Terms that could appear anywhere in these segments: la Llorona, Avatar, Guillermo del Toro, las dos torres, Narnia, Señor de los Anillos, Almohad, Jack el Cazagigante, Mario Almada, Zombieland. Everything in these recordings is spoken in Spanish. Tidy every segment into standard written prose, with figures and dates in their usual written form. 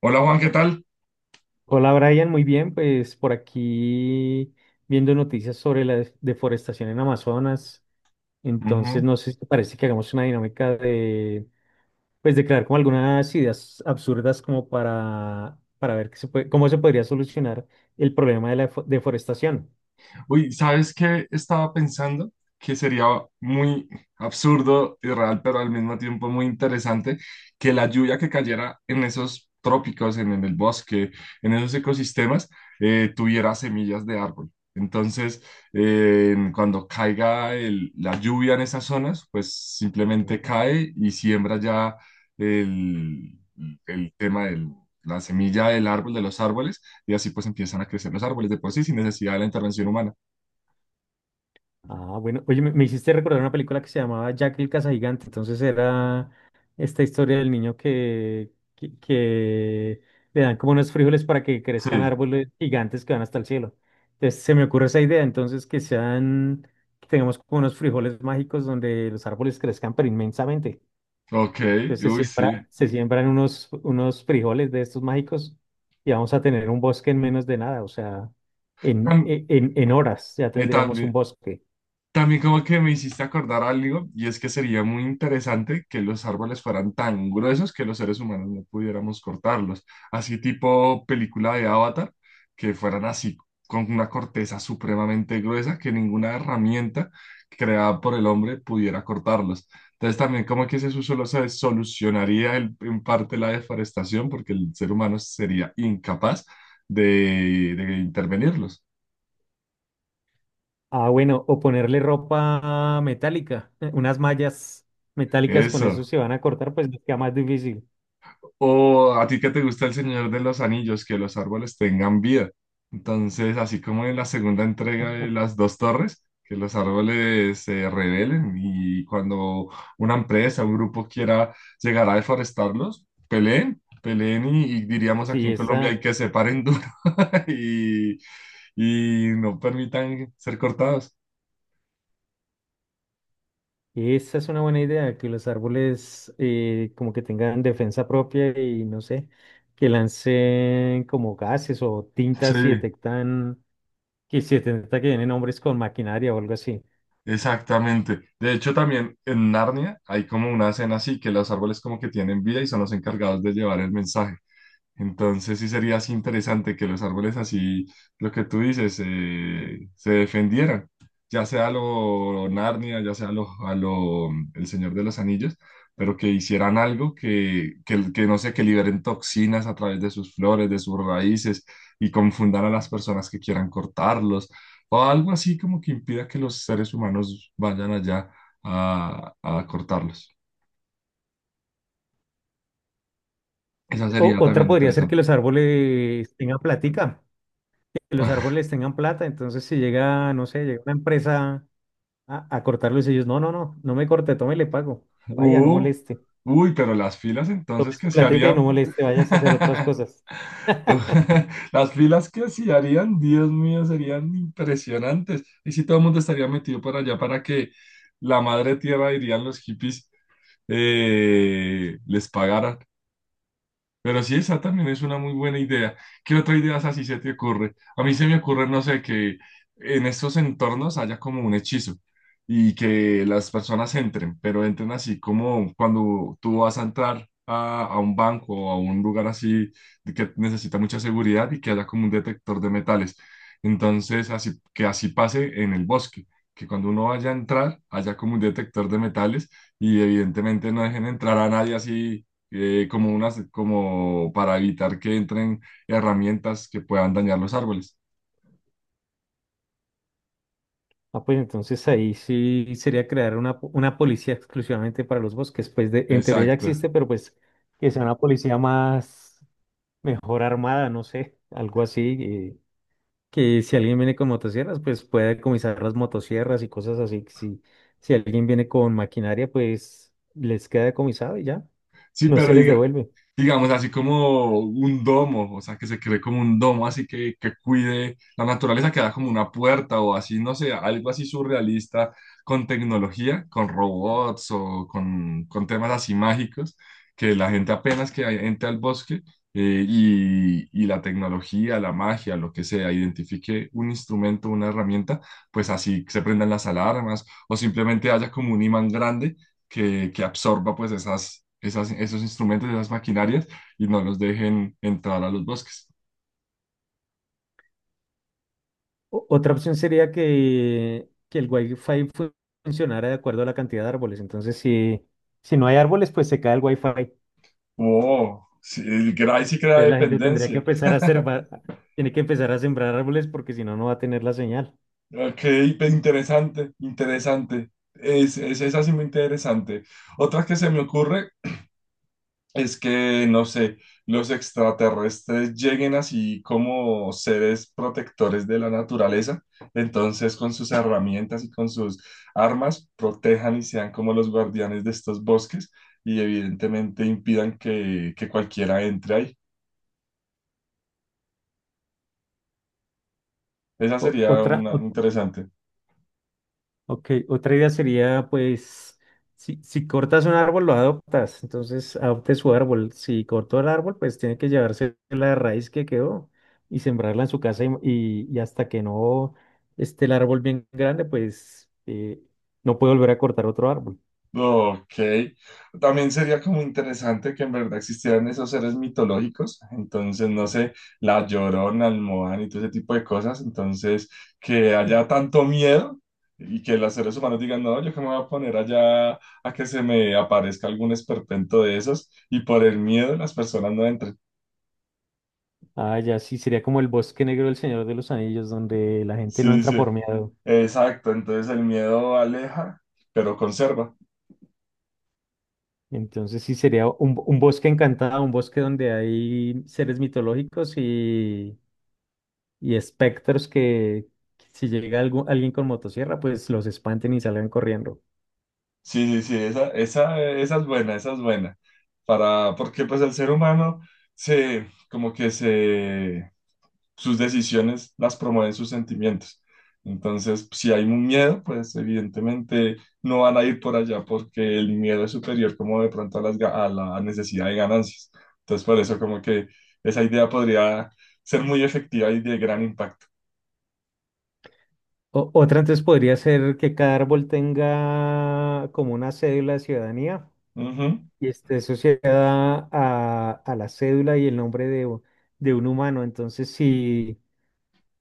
Hola Juan, ¿qué tal? Hola Brian, muy bien, pues por aquí viendo noticias sobre la deforestación en Amazonas. Entonces, Ujú. no sé si te parece que hagamos una dinámica de, pues de crear como algunas ideas absurdas como para, ver qué cómo se podría solucionar el problema de la deforestación. Uy, ¿sabes qué estaba pensando? Que sería muy absurdo, irreal, pero al mismo tiempo muy interesante que la lluvia que cayera en esos trópicos, en el bosque, en esos ecosistemas, tuviera semillas de árbol. Entonces, cuando caiga la lluvia en esas zonas, pues simplemente cae y siembra ya el, el tema del la semilla del árbol, de los árboles y así pues empiezan a crecer los árboles de por sí sin necesidad de la intervención humana. Ah, bueno, oye, me hiciste recordar una película que se llamaba Jack el Cazagigante, entonces era esta historia del niño que le dan como unos frijoles para que crezcan Sí, árboles gigantes que van hasta el cielo. Entonces se me ocurre esa idea, entonces que sean, que tengamos como unos frijoles mágicos donde los árboles crezcan pero inmensamente. ok, Entonces se uy, siembra, sí. se siembran unos frijoles de estos mágicos y vamos a tener un bosque en menos de nada, o sea, Tam- en horas ya tendríamos un También, bosque. también como que me hiciste acordar algo, y es que sería muy interesante que los árboles fueran tan gruesos que los seres humanos no pudiéramos cortarlos. Así tipo película de Avatar, que fueran así, con una corteza supremamente gruesa que ninguna herramienta creada por el hombre pudiera cortarlos. Entonces también como que ese solo se solucionaría en parte la deforestación porque el ser humano sería incapaz de intervenirlos. Ah, bueno, o ponerle ropa metálica, unas mallas metálicas con eso Eso. se van a cortar, pues les queda más difícil. O a ti que te gusta el Señor de los Anillos, que los árboles tengan vida. Entonces, así como en la segunda entrega de las dos torres, que los árboles se rebelen y cuando una empresa, un grupo quiera llegar a deforestarlos, peleen, peleen y diríamos aquí Sí, en Colombia hay esa, que se paren duro y, y no permitan ser cortados. esa es una buena idea, que los árboles como que tengan defensa propia y no sé, que lancen como gases o tintas Sí. si detectan que si detecta que vienen hombres con maquinaria o algo así. Exactamente. De hecho, también en Narnia hay como una escena así que los árboles como que tienen vida y son los encargados de llevar el mensaje. Entonces sí sería así interesante que los árboles así, lo que tú dices, se defendieran, ya sea lo Narnia, ya sea lo, a lo El Señor de los Anillos, pero que hicieran algo que no sé, que liberen toxinas a través de sus flores, de sus raíces y confundan a las personas que quieran cortarlos o algo así como que impida que los seres humanos vayan allá a cortarlos. Eso sería Otra también podría ser que interesante. los árboles tengan platica, que los árboles tengan plata, entonces si llega, no sé, llega una empresa a cortarlos ellos, no, no, no, no me corte, tome, le pago. Vaya, no Uh, moleste. uy, pero las filas entonces que se Platica y no harían. Pa- moleste, vayas a hacer otras cosas. Uh, las filas que se harían, Dios mío, serían impresionantes. Y si todo el mundo estaría metido para allá para que la madre tierra, dirían los hippies, les pagara. Pero sí, esa también es una muy buena idea. ¿Qué otra idea así se te ocurre? A mí se me ocurre, no sé, que en estos entornos haya como un hechizo y que las personas entren, pero entren así como cuando tú vas a entrar a un banco o a un lugar así de que necesita mucha seguridad y que haya como un detector de metales. Entonces, así, que así pase en el bosque, que cuando uno vaya a entrar haya como un detector de metales y evidentemente no dejen entrar a nadie así como unas, como para evitar que entren herramientas que puedan dañar los árboles. Ah, pues entonces ahí sí sería crear una policía exclusivamente para los bosques. Pues de, en teoría ya Exacto. existe, pero pues que sea una policía más, mejor armada, no sé, algo así. Que si alguien viene con motosierras, pues pueda decomisar las motosierras y cosas así. Si, si alguien viene con maquinaria, pues les queda decomisado y ya, Sí, no pero se les diga- devuelve. digamos, así como un domo, o sea, que se cree como un domo, así que cuide la naturaleza, que da como una puerta o así, no sé, algo así surrealista con tecnología, con robots con temas así mágicos, que la gente apenas que entre al bosque y la tecnología, la magia, lo que sea, identifique un instrumento, una herramienta, pues así se prendan las alarmas o simplemente haya como un imán grande que absorba pues esos instrumentos, esas maquinarias y no los dejen entrar a los bosques. Otra opción sería que el Wi-Fi funcionara de acuerdo a la cantidad de árboles. Entonces, si no hay árboles, pues se cae el Wi-Fi. Entonces Oh, sí, el Gray sí crea la gente tendría que dependencia. empezar a sembrar, tiene que empezar a sembrar árboles porque si no, no va a tener la señal. Ok, pe- interesante, interesante. Esa sí muy interesante. Otra que se me ocurre es que, no sé, los extraterrestres lleguen así como seres protectores de la naturaleza, entonces con sus herramientas y con sus armas protejan y sean como los guardianes de estos bosques y evidentemente impidan que cualquiera entre ahí. Esa O- sería otra, una interesante. Ok, otra idea sería, pues, si cortas un árbol, lo adoptas, entonces adopte su árbol. Si cortó el árbol, pues tiene que llevarse la raíz que quedó y sembrarla en su casa y hasta que no esté el árbol bien grande, pues no puede volver a cortar otro árbol. Ok, también sería como interesante que en verdad existieran esos seres mitológicos, entonces no sé, la Llorona, Almohad y todo ese tipo de cosas, entonces que haya tanto miedo y que los seres humanos digan, no, yo que me voy a poner allá a que se me aparezca algún esperpento de esos y por el miedo las personas no entren. Ah, ya sí, sería como el bosque negro del Señor de los Anillos, donde la gente no Sí, sí, entra sí, por miedo. exacto, entonces el miedo aleja, pero conserva. Entonces sí sería un bosque encantado, un bosque donde hay seres mitológicos y espectros que si llega alguien con motosierra, pues los espanten y salgan corriendo. Sí, sí, sí, esa es buena, esa es buena. Para, porque pues el ser humano se, como que se, sus decisiones las promueven sus sentimientos. Entonces, si hay un miedo, pues evidentemente no van a ir por allá porque el miedo es superior como de pronto a, las, ga- a la necesidad de ganancias. Entonces, por eso como que esa idea podría ser muy efectiva y de gran impacto. Otra entonces podría ser que cada árbol tenga como una cédula de ciudadanía y esté asociada a la cédula y el nombre de un humano. Entonces,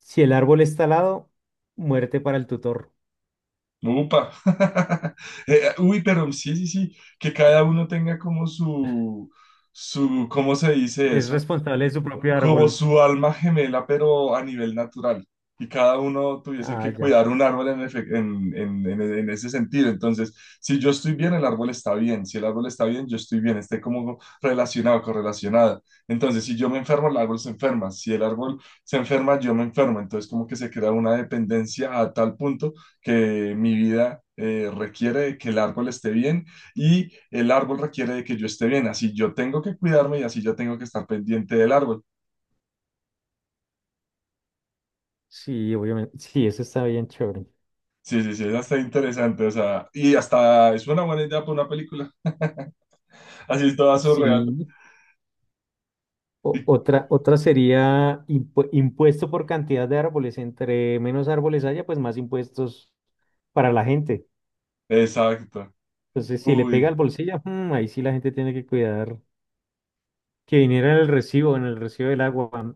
si el árbol está al lado, muerte para el tutor. Upa. Uy, pero sí, sí, sí, que cada uno tenga como su, ¿cómo se dice Es eso? responsable de su propio Como árbol. su alma gemela, pero a nivel natural, y cada uno tuviese Ah, que ya. cuidar un árbol en, efe- en ese sentido. Entonces, si yo estoy bien, el árbol está bien, si el árbol está bien, yo estoy bien, esté como relacionado, correlacionado. Entonces, si yo me enfermo, el árbol se enferma, si el árbol se enferma, yo me enfermo. Entonces, como que se crea una dependencia a tal punto que mi vida... requiere de que el árbol esté bien y el árbol requiere de que yo esté bien. Así yo tengo que cuidarme y así yo tengo que estar pendiente del árbol. Sí, obviamente. Sí, eso está bien chévere. Sí, sí, sí, esa está interesante, o sea, y hasta es una buena idea para una película. Así es toda surreal. Sí. Otra sería impuesto por cantidad de árboles. Entre menos árboles haya, pues más impuestos para la gente. Exacto. Entonces, si le pega Uy, al bolsillo, mm, ahí sí la gente tiene que cuidar que viniera en el recibo del agua, mm,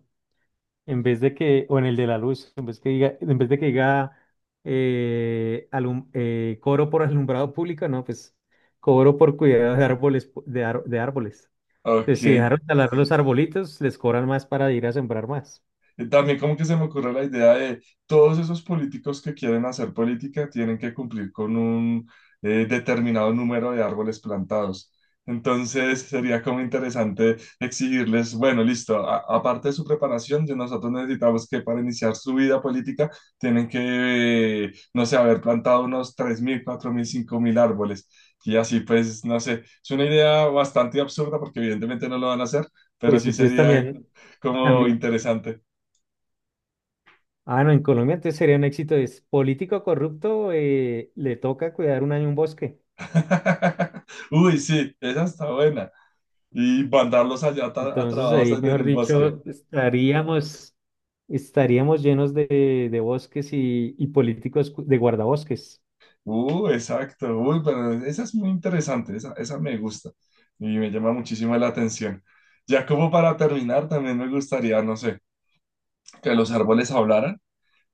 en vez de que, o en el de la luz, en vez que diga, en vez de que diga cobro por alumbrado público, no, pues cobro por cuidado de árboles, de árboles. ok, Entonces, si dejaron talar los arbolitos, les cobran más para ir a sembrar más. también como que se me ocurre la idea de todos esos políticos que quieren hacer política tienen que cumplir con un determinado número de árboles plantados. Entonces sería como interesante exigirles, bueno, listo, a- aparte de su preparación, de nosotros necesitamos que para iniciar su vida política tienen que, no sé, haber plantado unos 3000 4000 5000 árboles. Y así pues, no sé, es una idea bastante absurda porque evidentemente no lo van a hacer, pero Pues sí entonces sería también. A mí- como interesante. Ah, no, en Colombia entonces sería un éxito. Es político corrupto, le toca cuidar un año un bosque. Uy, sí, esa está buena. Y mandarlos allá a Entonces trabajos ahí, allá en mejor el bosque. dicho, estaríamos llenos de bosques y políticos de guardabosques. Exacto. Uy, pero esa es muy interesante, esa me gusta y me llama muchísimo la atención. Ya como para terminar, también me gustaría, no sé, que los árboles hablaran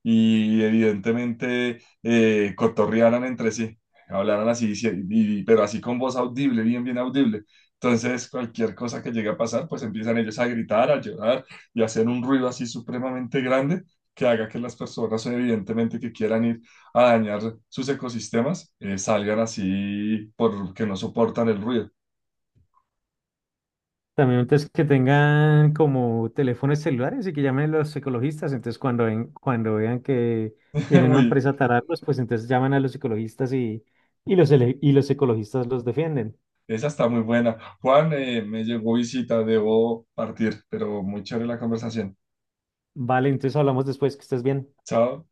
y evidentemente cotorrearan entre sí, hablaran así, sí, y- pero así con voz audible, bien, bien audible. Entonces, cualquier cosa que llegue a pasar, pues empiezan ellos a gritar, a llorar y a hacer un ruido así supremamente grande que haga que las personas, evidentemente, que quieran ir a dañar sus ecosistemas, salgan así porque no soportan el ruido. También entonces que tengan como teléfonos celulares y que llamen los ecologistas. Entonces cuando vean que viene una Uy, empresa a tararlos, pues entonces llaman a los ecologistas y, y los ecologistas los defienden. esa está muy buena. Juan, me llegó visita, debo partir, pero muy chévere la conversación. Vale, entonces hablamos después, que estés bien. Chao.